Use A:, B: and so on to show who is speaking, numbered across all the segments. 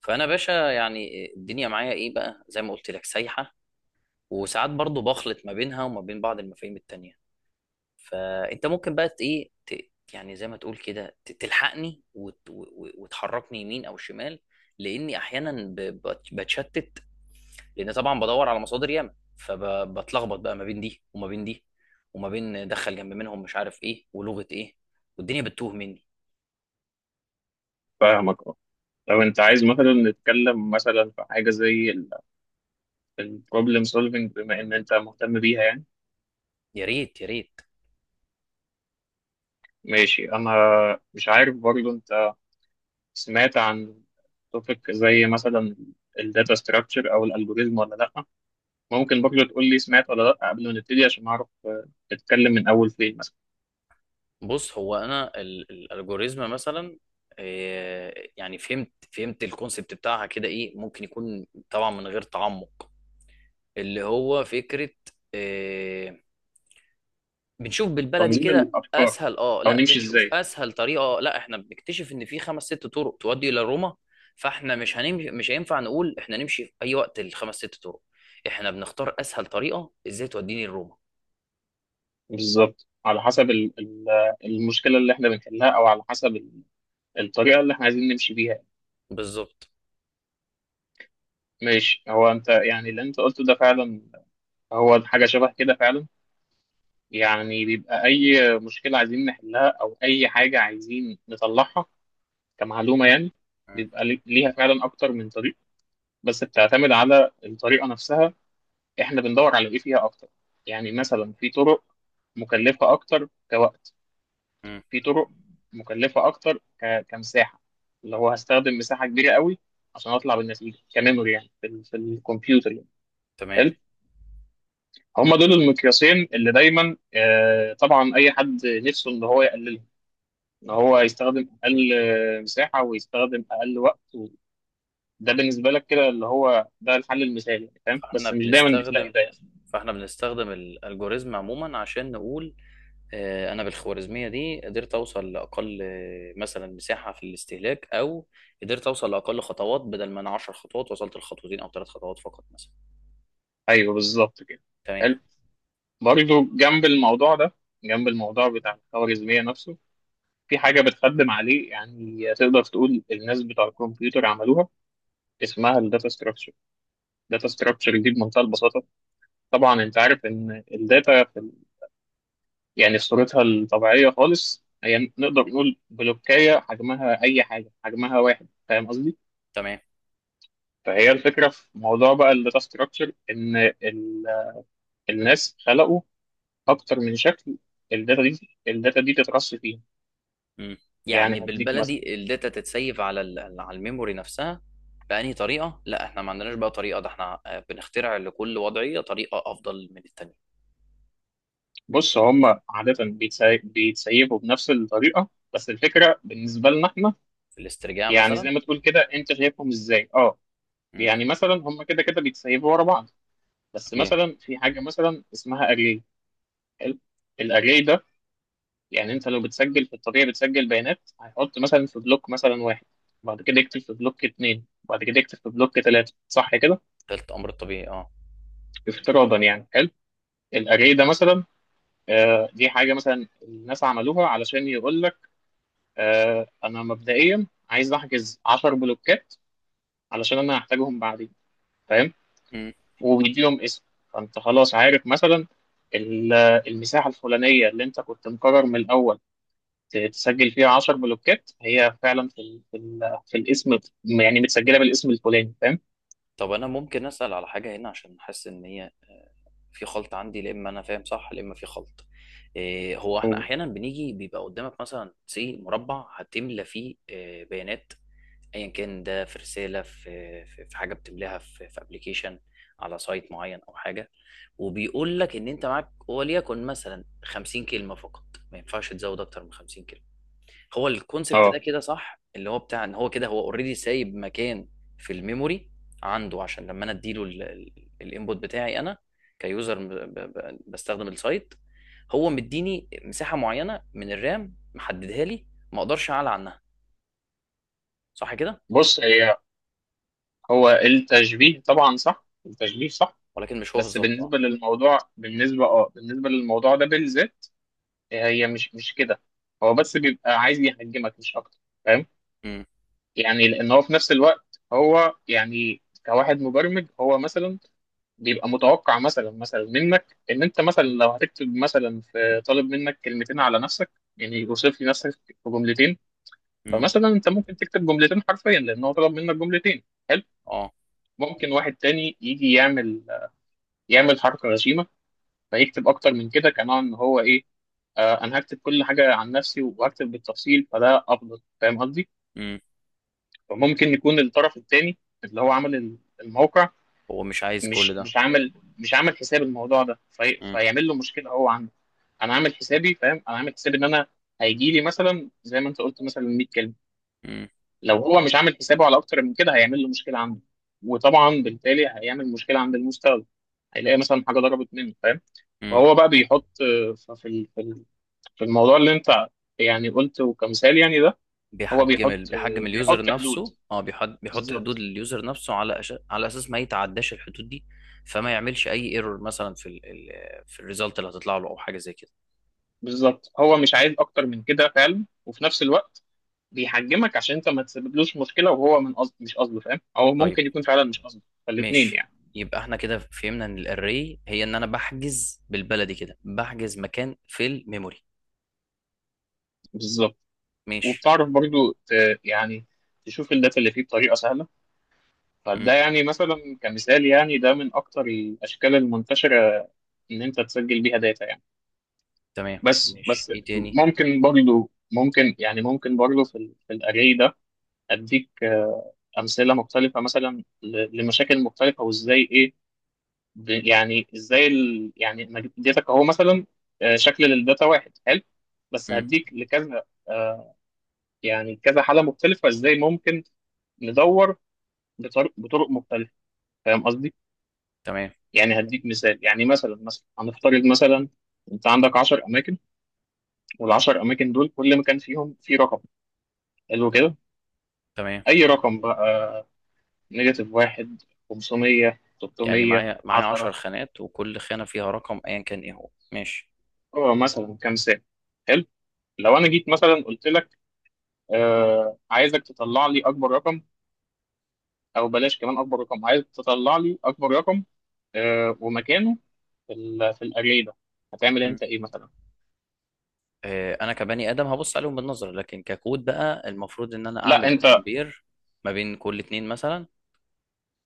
A: فانا باشا، يعني الدنيا معايا ايه بقى زي ما قلت لك سايحه. وساعات برضو بخلط ما بينها وما بين بعض المفاهيم التانية. فانت ممكن بقى يعني زي ما تقول كده تلحقني وتحركني يمين او شمال، لاني احيانا بتشتت. لان طبعا بدور على مصادر ياما، فبتلخبط بقى ما بين دي وما بين دي، وما بين دخل جنب منهم مش عارف ايه ولغه ايه، والدنيا بتتوه مني.
B: فاهمك، اه. لو انت عايز مثلا نتكلم مثلا في حاجه زي البروبلم سولفنج بما ان انت مهتم بيها يعني.
A: يا ريت يا ريت.
B: ماشي. انا مش عارف برضو انت سمعت عن توبيك زي مثلا الداتا ستراكشر او الالجوريزم، ولا لا ممكن برضو تقول لي سمعت ولا لا قبل ما نبتدي عشان اعرف، نتكلم من اول فين مثلا.
A: بص، هو انا الالجوريزم مثلا، يعني فهمت فهمت الكونسبت بتاعها كده، ايه ممكن يكون طبعا من غير تعمق، اللي هو فكرة إيه، بنشوف بالبلدي
B: تنظيم
A: كده
B: الافكار
A: اسهل،
B: او
A: لا
B: نمشي
A: بنشوف
B: ازاي
A: اسهل طريقة. لا احنا بنكتشف ان في خمس ست طرق تؤدي الى روما، فاحنا مش هنمشي، مش هينفع نقول احنا نمشي في اي وقت الخمس ست طرق، احنا بنختار اسهل طريقة ازاي توديني لروما.
B: بالظبط، على حسب المشكله اللي احنا بنحلها، او على حسب الطريقه اللي احنا عايزين نمشي بيها.
A: بالظبط.
B: ماشي. هو انت يعني اللي انت قلته ده فعلا هو حاجة شبه كده فعلا. يعني بيبقى اي مشكلة عايزين نحلها او اي حاجة عايزين نطلعها كمعلومة يعني،
A: مم.
B: بيبقى ليها فعلا اكتر من طريق، بس بتعتمد على الطريقة نفسها. احنا بندور على ايه فيها اكتر. يعني مثلا في طرق مكلفة اكتر كوقت،
A: مم.
B: في طرق مكلفة اكتر كمساحة، اللي هو هستخدم مساحة كبيرة قوي عشان اطلع بالنتيجة كميموري، يعني في في الكمبيوتر يعني.
A: تمام.
B: حلو. هم دول المقياسين اللي دايما، طبعا اي حد نفسه ان هو يقللهم، ان هو يستخدم اقل مساحه ويستخدم اقل وقت. ده بالنسبه لك كده اللي هو ده الحل المثالي يعني، فاهم؟
A: فاحنا
B: بس مش دايما بتلاقي
A: بنستخدم
B: ده يعني.
A: فاحنا بنستخدم الالجوريزم عموما عشان نقول انا بالخوارزميه دي قدرت اوصل لاقل مثلا مساحه في الاستهلاك، او قدرت اوصل لاقل خطوات، بدل ما انا 10 خطوات وصلت لخطوتين او 3 خطوات فقط مثلا.
B: ايوه بالظبط كده.
A: تمام.
B: حلو. برضه جنب الموضوع ده، جنب الموضوع بتاع الخوارزميه نفسه، في حاجه بتخدم عليه يعني، تقدر تقول الناس بتوع الكمبيوتر عملوها، اسمها الداتا ستراكشر. الداتا ستراكشر دي بمنتهى البساطه. طبعا انت عارف ان الداتا يعني في صورتها الطبيعية خالص هي نقدر نقول بلوكية، حجمها أي حاجة، حجمها واحد، فاهم قصدي؟
A: تمام.
B: فهي الفكرة في موضوع بقى الداتا ستراكشر، إن الناس خلقوا أكتر من شكل. الداتا دي، الداتا دي تترص فيها،
A: مم. يعني
B: يعني هديك مثلا.
A: بالبلدي الداتا تتسيف على الميموري نفسها. بأنهي طريقه؟ لا احنا ما عندناش بقى طريقه، ده احنا بنخترع لكل وضعيه طريقه افضل من التانيه.
B: بص، هم عادة بيتسيبوا بنفس الطريقة، بس الفكرة بالنسبة لنا إحنا،
A: في الاسترجاع
B: يعني
A: مثلا.
B: زي ما تقول كده، أنت شايفهم إزاي؟ أه.
A: مم.
B: يعني مثلا هم كده كده بيتسيبوا ورا بعض، بس
A: طبيعي.
B: مثلا في حاجة مثلا اسمها أري. حلو. الاري ده، يعني انت لو بتسجل في الطبيعي بتسجل بيانات، هيحط مثلا في بلوك مثلا واحد، بعد كده يكتب في بلوك اتنين، بعد كده يكتب في بلوك تلاته، صح كده،
A: ده الامر الطبيعي، اه.
B: افتراضا يعني. حلو. الاري ده مثلا، دي حاجه مثلا الناس عملوها علشان يقول لك، انا مبدئيا عايز احجز 10 بلوكات علشان انا هحتاجهم بعدين، فاهم. وبيديهم اسم. فانت خلاص عارف مثلا ال- المساحه الفلانيه اللي انت كنت مقرر من الاول تسجل فيها 10 بلوكات، هي فعلا في الاسم، يعني متسجله بالاسم الفلاني، فاهم.
A: طب انا ممكن اسال على حاجه هنا، عشان حاسس ان هي آه، في خلط عندي، لا اما انا فاهم صح لا اما في خلط. إيه، هو احنا
B: و-
A: احيانا بنيجي بيبقى قدامك مثلا سي مربع هتملى فيه بيانات، ايا كان ده، في رساله، في في في حاجه بتملاها في في ابلكيشن على سايت معين او حاجه، وبيقول لك ان انت معاك وليكن مثلا 50 كلمه فقط، ما ينفعش تزود اكتر من 50. هو الكونسبت ده
B: اه،
A: كده صح؟ اللي هو بتاع ان هو كده هو اوريدي سايب مكان في الميموري عنده، عشان لما انا اديله الانبوت بتاعي انا كيوزر بستخدم السايت، هو مديني مساحه معينه من الرام، محددها لي، ما اقدرش اعلى عنها. صح كده؟
B: بص هي، هو التشبيه طبعا صح، التشبيه صح،
A: ولكن مش هو
B: بس
A: بالظبط، اه.
B: بالنسبه للموضوع، بالنسبه للموضوع ده بالذات هي مش كده. هو بس بيبقى عايز يهاجمك مش اكتر، فاهم.
A: امم.
B: يعني لان هو في نفس الوقت، هو يعني كواحد مبرمج، هو مثلا بيبقى متوقع مثلا منك ان انت مثلا لو هتكتب مثلا، في طالب منك كلمتين على نفسك، يعني يوصف لي نفسك في جملتين.
A: امم.
B: فمثلا انت ممكن تكتب جملتين حرفيا لان هو طلب منك جملتين، حلو.
A: اه.
B: ممكن واحد تاني يجي يعمل، يعمل حركه غشيمه، فيكتب اكتر من كده كنوع ان هو ايه، آه انا هكتب كل حاجه عن نفسي وهكتب بالتفصيل فده افضل، فاهم قصدي.
A: امم.
B: فممكن يكون الطرف التاني اللي هو عمل الموقع
A: هو مش عايز كل
B: مش
A: ده.
B: مش عامل، مش عامل حساب الموضوع ده
A: امم.
B: فيعمل له مشكله هو عنده. انا عامل حسابي، فاهم، انا عامل حسابي ان انا هيجي لي مثلا زي ما انت قلت مثلا 100 كلمه. لو هو مش عامل حسابه على اكتر من كده هيعمل له مشكله عنده، وطبعا بالتالي هيعمل مشكله عند المستخدم، هيلاقي مثلا حاجه ضربت منه، فاهم.
A: امم.
B: فهو بقى بيحط، في الموضوع اللي انت يعني قلته كمثال يعني ده، هو بيحط
A: بيحجم اليوزر
B: بيحط حدود.
A: نفسه، بيحط بيحط حدود
B: بالظبط.
A: لليوزر نفسه، على اساس ما يتعداش الحدود دي، فما يعملش اي ايرور مثلا في الريزلت اللي هتطلع له او حاجه زي كده.
B: بالظبط، هو مش عايز اكتر من كده فعلا، وفي نفس الوقت بيحجمك عشان انت ما تسببلوش مشكله، وهو من قصد مش قصده، فاهم، او
A: طيب.
B: ممكن يكون فعلا مش قصده، فالاثنين
A: ماشي.
B: يعني.
A: يبقى احنا كده فهمنا ان الاري هي ان انا بحجز، بالبلدي كده بحجز مكان في الميموري.
B: بالظبط.
A: ماشي.
B: وبتعرف برضو يعني تشوف الداتا اللي فيه بطريقه سهله.
A: امم.
B: فده يعني مثلا كمثال يعني، ده من اكتر الاشكال المنتشره ان انت تسجل بيها داتا يعني.
A: تمام
B: بس
A: ماشي،
B: بس
A: ايه تاني؟
B: ممكن برضو، ممكن يعني، ممكن برضو في الاري ده اديك امثله مختلفه مثلا، لمشاكل مختلفه، وازاي ايه، يعني ازاي يعني أنا اديتك اهو مثلا شكل للداتا واحد، حلو. بس
A: امم.
B: هديك لكذا، آه، يعني كذا حالة مختلفة، ازاي ممكن ندور بطرق مختلفة، فاهم قصدي؟
A: تمام.
B: يعني هديك مثال يعني، مثلا هنفترض مثلا، انت عندك 10 اماكن، وال10 اماكن دول كل مكان فيهم فيه رقم، حلو كده.
A: تمام.
B: اي رقم بقى، نيجاتيف واحد، 500،
A: يعني
B: 300،
A: معايا 10
B: 10،
A: خانات، وكل خانه فيها رقم ايا كان ايه هو، ماشي.
B: هو مثلا كام سنة، حلو. لو انا جيت مثلا قلت لك، آه عايزك تطلع لي اكبر رقم، او بلاش، كمان اكبر رقم عايزك تطلع لي اكبر رقم آه ومكانه في الاري ده، هتعمل انت ايه مثلا؟
A: انا كبني ادم هبص عليهم بالنظر، لكن ككود بقى المفروض ان انا
B: لا
A: اعمل
B: انت،
A: كومبير ما بين كل اتنين مثلا،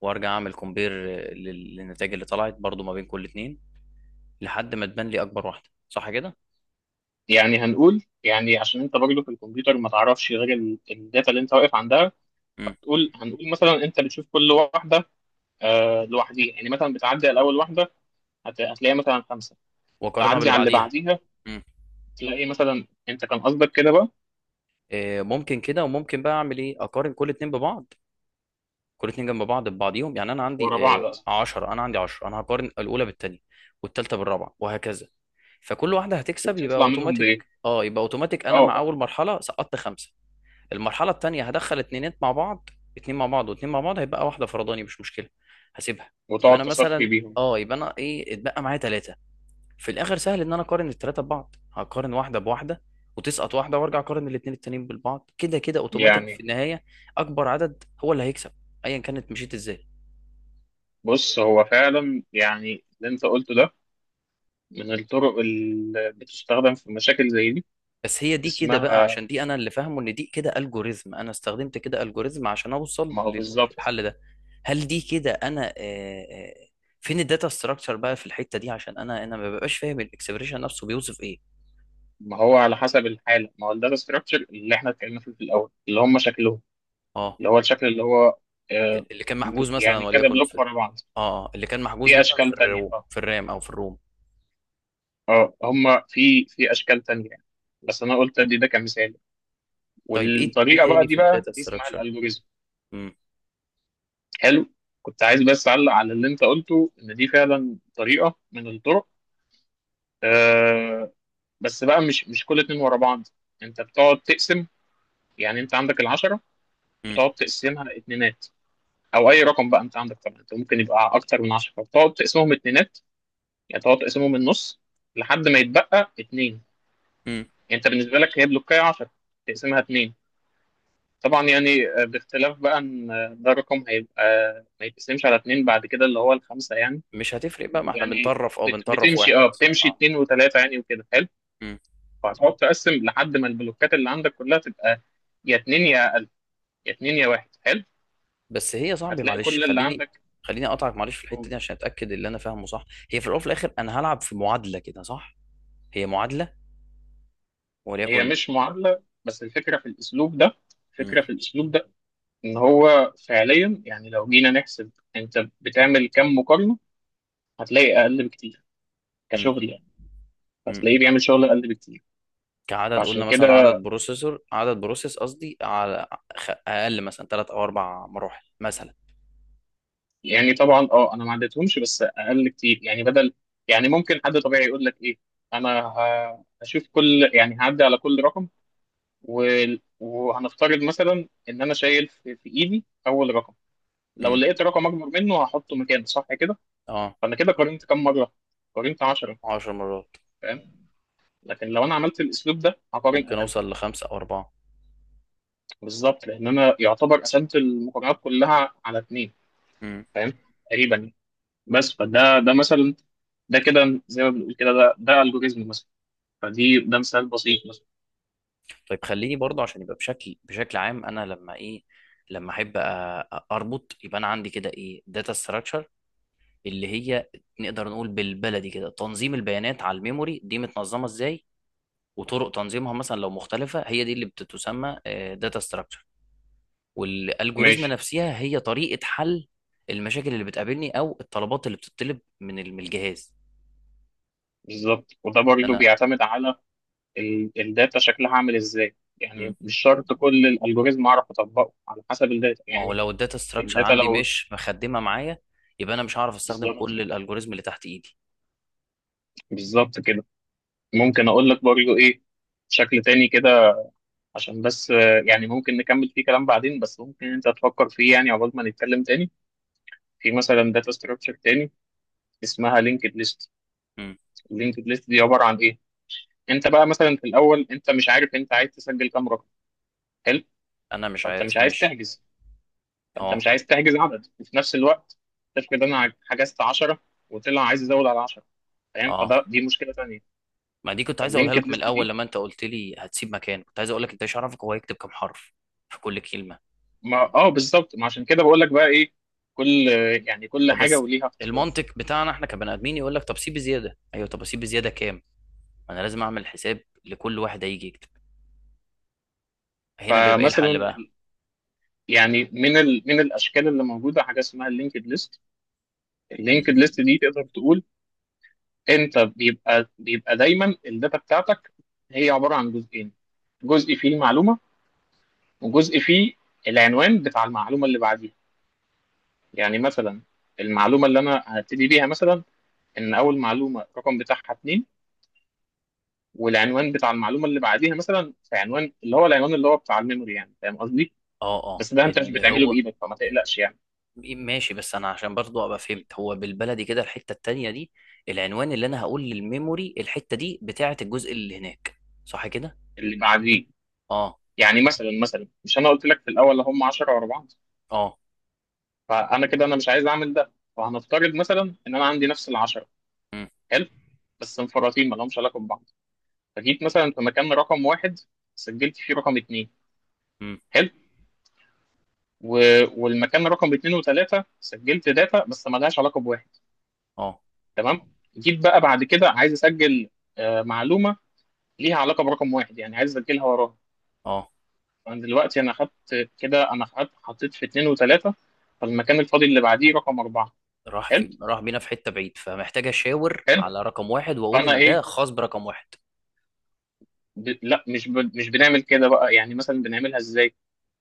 A: وارجع اعمل كومبير للنتائج اللي طلعت برضو ما بين كل اتنين، لحد ما تبان لي اكبر واحده. صح كده؟
B: يعني هنقول يعني عشان انت برضه في الكمبيوتر ما تعرفش غير الداتا اللي انت واقف عندها،
A: امم.
B: هتقول، هنقول مثلا انت بتشوف كل واحده آه لوحديها، يعني مثلا بتعدي على اول واحده هتلاقيها مثلا خمسه،
A: واقارنها
B: تعدي
A: باللي
B: على اللي
A: بعديها.
B: بعديها
A: امم.
B: تلاقي مثلا، انت كان قصدك كده بقى،
A: ممكن كده، وممكن بقى اعمل ايه، اقارن كل اتنين ببعض، كل اتنين جنب بعض ببعضيهم. يعني انا عندي
B: ورا بعض اصلا،
A: 10، انا عندي 10، انا هقارن الاولى بالتانية والتالتة بالرابعه وهكذا، فكل واحده هتكسب يبقى
B: وتطلع منهم
A: اوتوماتيك.
B: بايه،
A: اه، يبقى اوتوماتيك، انا مع
B: اه.
A: اول مرحله سقطت خمسه، المرحله التانيه هدخل اتنينات مع بعض، اتنين مع بعض واتنين مع بعض، هيبقى واحده فرداني مش مشكله، هسيبها. يبقى
B: وتقعد
A: انا
B: تصفي
A: مثلا،
B: بيهم
A: اه، يبقى انا ايه، اتبقى معايا ثلاثه، في الاخر سهل ان انا اقارن الثلاثه ببعض، هقارن واحده بواحده وتسقط واحده، وارجع اقارن الاثنين التانيين بالبعض. كده كده اوتوماتيك في
B: يعني.
A: النهايه اكبر عدد هو اللي هيكسب، ايا كانت مشيت ازاي.
B: بص، هو فعلا يعني اللي انت قلته ده من الطرق اللي بتستخدم في مشاكل زي دي.
A: بس هي دي كده بقى،
B: اسمها،
A: عشان دي انا اللي فاهمه ان دي كده الجوريزم، انا استخدمت كده الجوريزم عشان اوصل
B: ما هو بالظبط،
A: للحل ده. هل دي كده انا فين الداتا ستراكشر بقى في الحته دي؟ عشان انا ما ببقاش فاهم الاكسبريشن نفسه بيوصف ايه.
B: ما هو على حسب الحاله، ما هو الداتا ستراكشر اللي احنا اتكلمنا فيه في الاول اللي هم شكلهم،
A: اه،
B: اللي هو الشكل اللي هو آه،
A: اللي كان محجوز مثلا
B: يعني كذا
A: وليكن
B: بلوك
A: في.
B: ورا بعض،
A: اه، اللي كان محجوز
B: في
A: مثلا في
B: اشكال تانية
A: الروم،
B: اه،
A: في الرام او في الروم.
B: اه هم في اشكال تانية يعني. بس انا قلت ادي ده كمثال،
A: طيب ايه
B: والطريقه بقى
A: تاني
B: دي
A: في
B: بقى
A: الداتا
B: دي اسمها
A: ستراكشر؟
B: الالجوريزم. حلو. كنت عايز بس اعلق على اللي انت قلته، ان دي فعلا طريقه من الطرق، آه بس بقى مش كل اتنين ورا بعض، انت بتقعد تقسم. يعني انت عندك العشرة، بتقعد تقسمها اتنينات، او اي رقم بقى، انت عندك طبعا، انت ممكن يبقى اكتر من عشرة، بتقعد تقسمهم اتنينات، يعني تقعد تقسمهم النص لحد ما يتبقى اتنين. يعني انت بالنسبة لك هي بلوكاية عشرة، تقسمها اتنين. طبعا يعني، باختلاف بقى ان ده رقم هيبقى ما يتقسمش على اتنين بعد كده، اللي هو الخمسة يعني.
A: مش هتفرق بقى، ما احنا
B: يعني
A: بنطرف،
B: بتمشي،
A: واحد
B: اه،
A: مثلا،
B: بتمشي
A: اه.
B: اتنين وتلاتة يعني، وكده حلو.
A: إمم.
B: فهتقعد تقسم لحد ما البلوكات اللي عندك كلها تبقى يا اتنين يا اقل، يا اتنين يا واحد، حلو.
A: بس هي يا صاحبي
B: هتلاقي
A: معلش،
B: كل اللي
A: خليني
B: عندك.
A: خليني اقطعك معلش في الحته دي عشان اتاكد اللي انا فاهمه صح. هي في الاول وفي الاخر انا هلعب في معادله كده، صح؟ هي معادله،
B: هي
A: وليكن.
B: مش معادله، بس الفكره في الاسلوب ده،
A: م-
B: الفكره في الاسلوب ده ان هو فعليا يعني، لو جينا نحسب انت بتعمل كام مقارنه، هتلاقي اقل بكتير
A: م-
B: كشغل يعني،
A: م-
B: هتلاقيه
A: م.
B: بيعمل شغل اقل بكتير.
A: كعدد، قلنا
B: فعشان
A: مثلا
B: كده،
A: عدد بروسيسور، عدد بروسيس قصدي، على اقل مثلا 3 او 4 مراحل مثلا.
B: يعني طبعا اه، انا ما عدتهمش بس اقل كتير يعني، بدل، يعني ممكن حد طبيعي يقول لك ايه، انا هشوف كل، يعني هعدي على كل رقم، وهنفترض مثلا ان انا شايل في ايدي اول رقم، لو
A: م.
B: لقيت رقم اكبر منه هحطه مكانه، صح كده،
A: اه.
B: فانا كده قارنت كام مره، قارنت 10،
A: 10 مرات.
B: فاهم. لكن لو انا عملت الاسلوب ده هقارن
A: ممكن
B: اقل.
A: اوصل لخمسه او اربعه.
B: بالظبط، لان انا يعتبر قسمت المقارنات كلها على اتنين،
A: م.
B: فاهم، تقريبا يعني. بس فده ده مثلا، ده كده زي ما بنقول كده، ده الجوريزم مثلا، فدي ده مثال بسيط مثلا.
A: طيب خليني برضه عشان يبقى بشكل عام، انا لما ايه، لما احب اربط، يبقى انا عندي كده ايه، داتا ستراكشر، اللي هي نقدر نقول بالبلدي كده تنظيم البيانات على الميموري، دي متنظمه ازاي وطرق تنظيمها مثلا لو مختلفه، هي دي اللي بتتسمى داتا ستراكشر. والالجوريزم
B: ماشي.
A: نفسها هي طريقه حل المشاكل اللي بتقابلني او الطلبات اللي بتطلب من الجهاز،
B: بالظبط. وده
A: إن
B: برضه
A: انا.
B: بيعتمد على الداتا شكلها عامل ازاي،
A: مم.
B: يعني مش شرط كل الالجوريزم اعرف اطبقه على حسب الداتا
A: ما هو
B: يعني.
A: لو الداتا ستراكشر
B: الداتا
A: عندي
B: لو،
A: مش مخدمه معايا، يبقى انا مش هعرف استخدم
B: بالظبط،
A: كل الالجوريزم اللي تحت ايدي.
B: بالظبط كده. ممكن اقول لك برضه ايه، بشكل تاني كده عشان بس، يعني ممكن نكمل فيه كلام بعدين، بس ممكن انت تفكر فيه يعني عقبال ما نتكلم تاني. في مثلا داتا ستراكشر تاني اسمها لينكد ليست.
A: مم.
B: اللينكد ليست دي عباره عن ايه؟ انت بقى مثلا في الاول انت مش عارف انت عايز تسجل كام رقم، حلو.
A: انا مش
B: فانت مش
A: عارف،
B: عايز
A: ماشي.
B: تحجز، فانت
A: اه.
B: مش عايز تحجز عدد، وفي نفس الوقت تفرض انا حجزت 10، وطلع عايز يزود على 10، فاهم،
A: اه،
B: فده دي مشكله ثانيه.
A: ما دي كنت عايز اقولها
B: فاللينكد
A: لك من
B: ليست
A: الاول،
B: دي،
A: لما انت قلت لي هتسيب مكان كنت عايز اقول لك انت مش عارفك هو هيكتب كام حرف في كل كلمه.
B: ما اه بالظبط، ما عشان كده بقول لك بقى ايه، كل، يعني كل
A: طب
B: حاجه
A: بس،
B: وليها اختيار.
A: المنطق بتاعنا احنا كبني ادمين يقول لك طب سيب زياده، ايوه طب اسيب زياده كام، ما انا لازم اعمل حساب لكل واحد هيجي يكتب. هنا بيبقى ايه
B: فمثلا
A: الحل بقى؟
B: يعني من من الاشكال اللي موجوده حاجه اسمها اللينكد ليست.
A: مم.
B: اللينكد ليست دي تقدر تقول انت بيبقى دايما الداتا بتاعتك هي عباره عن جزئين، جزء فيه المعلومه، وجزء فيه العنوان بتاع المعلومه اللي بعديها. يعني مثلا المعلومه اللي انا هبتدي بيها مثلا، ان اول معلومه الرقم بتاعها اتنين، والعنوان بتاع المعلومه اللي بعديها مثلا في عنوان، اللي هو العنوان اللي هو بتاع الميموري يعني، فاهم قصدي؟
A: اه. اه
B: بس ده انت مش
A: اللي
B: بتعمله
A: هو.
B: بايدك، فما تقلقش يعني.
A: ماشي، بس انا عشان برضو ابقى فهمت، هو بالبلدي كده الحته التانيه دي، العنوان اللي انا هقول للميموري الحته دي بتاعه الجزء اللي هناك. صح كده؟
B: اللي بعديه،
A: اه.
B: يعني مثلا مش انا قلت لك في الاول هم 10 ورا بعض،
A: اه.
B: فانا كده انا مش عايز اعمل ده، فهنفترض مثلا ان انا عندي نفس ال 10،
A: مم.
B: حلو. بس مفرطين ما لهمش علاقه ببعض. فجيت مثلا في مكان رقم واحد سجلت فيه رقم اتنين،
A: مم.
B: حلو. والمكان رقم اتنين وتلاته سجلت داتا بس ملهاش علاقه بواحد،
A: اه.
B: تمام. جيت بقى بعد كده عايز اسجل معلومه ليها علاقه برقم واحد، يعني عايز اسجلها وراها.
A: اه.
B: فانا دلوقتي، انا خدت كده، انا خدت حطيت في اتنين وتلاته، فالمكان الفاضي اللي بعديه رقم اربعه. حلو.
A: راح بينا في حتة بعيد، فمحتاج اشاور
B: حلو.
A: على رقم واحد واقول
B: فانا
A: ان ده
B: ايه،
A: خاص برقم واحد.
B: ب... لا مش ب... مش بنعمل كده بقى، يعني مثلا بنعملها ازاي.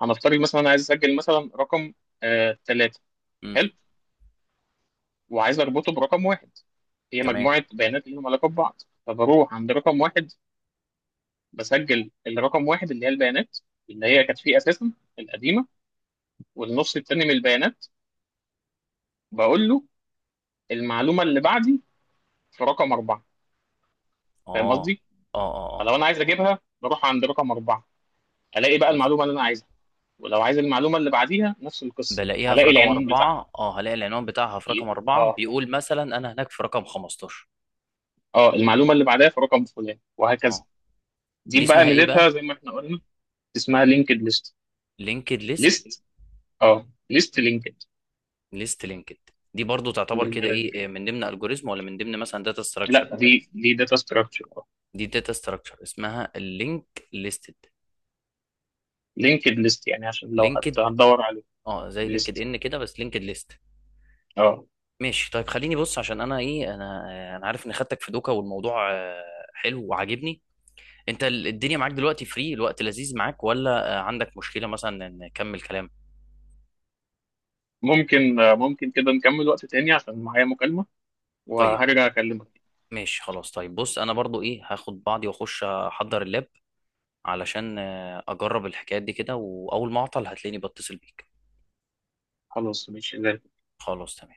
B: هنفترض مثلا انا عايز اسجل مثلا رقم تلاته،
A: امم.
B: حلو. وعايز اربطه برقم واحد، هي
A: تمام.
B: مجموعه بيانات ليهم علاقه ببعض، فبروح عند رقم واحد بسجل الرقم واحد اللي هي البيانات اللي هي كانت فيه اساسا، القديمه، والنص التاني من البيانات بقول له المعلومه اللي بعدي في رقم اربعه، فاهم
A: اه
B: قصدي؟
A: اه اه اه.
B: فلو انا عايز اجيبها بروح عند رقم اربعه، الاقي بقى
A: خلاص.
B: المعلومه اللي انا عايزها. ولو عايز المعلومه اللي بعديها نفس القصه،
A: بلاقيها في
B: هلاقي
A: رقم
B: العنوان بتاعها،
A: أربعة، اه، هلاقي العنوان بتاعها في رقم أربعة
B: اه
A: بيقول مثلا أنا هناك في رقم 15.
B: اه، المعلومه اللي بعدها في رقم فلان وهكذا.
A: اه. دي
B: دي بقى
A: اسمها إيه
B: ميزتها
A: بقى؟
B: زي ما احنا قلنا. اسمها لينكد ليست.
A: لينكد ليست.
B: ليست، اه ليست لينكد.
A: ليست لينكد. دي برضو تعتبر كده
B: بالبلدي
A: إيه،
B: كده،
A: من ضمن ألجوريزم ولا من ضمن مثلا داتا ستراكشر؟
B: لا، دي داتا ستراكشر.
A: دي داتا ستراكشر اسمها اللينك ليستد.
B: لينكد ليست، يعني عشان لو
A: لينكد،
B: هتدور عليه.
A: اه زي لينكد
B: ليست،
A: إن كده بس لينكد ليست.
B: اه.
A: ماشي طيب، خليني بص، عشان انا ايه، انا عارف اني خدتك في دوكا، والموضوع حلو وعاجبني. انت الدنيا معاك دلوقتي فري، الوقت لذيذ معاك، ولا عندك مشكلة مثلا ان نكمل كلام؟
B: ممكن كده نكمل وقت تاني عشان معايا مكالمة،
A: طيب.
B: وهرجع أكلمك.
A: ماشي خلاص، طيب بص انا برضو ايه، هاخد بعضي واخش احضر اللاب، علشان اجرب الحكايات دي كده، واول ما اعطل هتلاقيني بتصل بيك.
B: خلاص ماشي زي
A: خلاص تمام.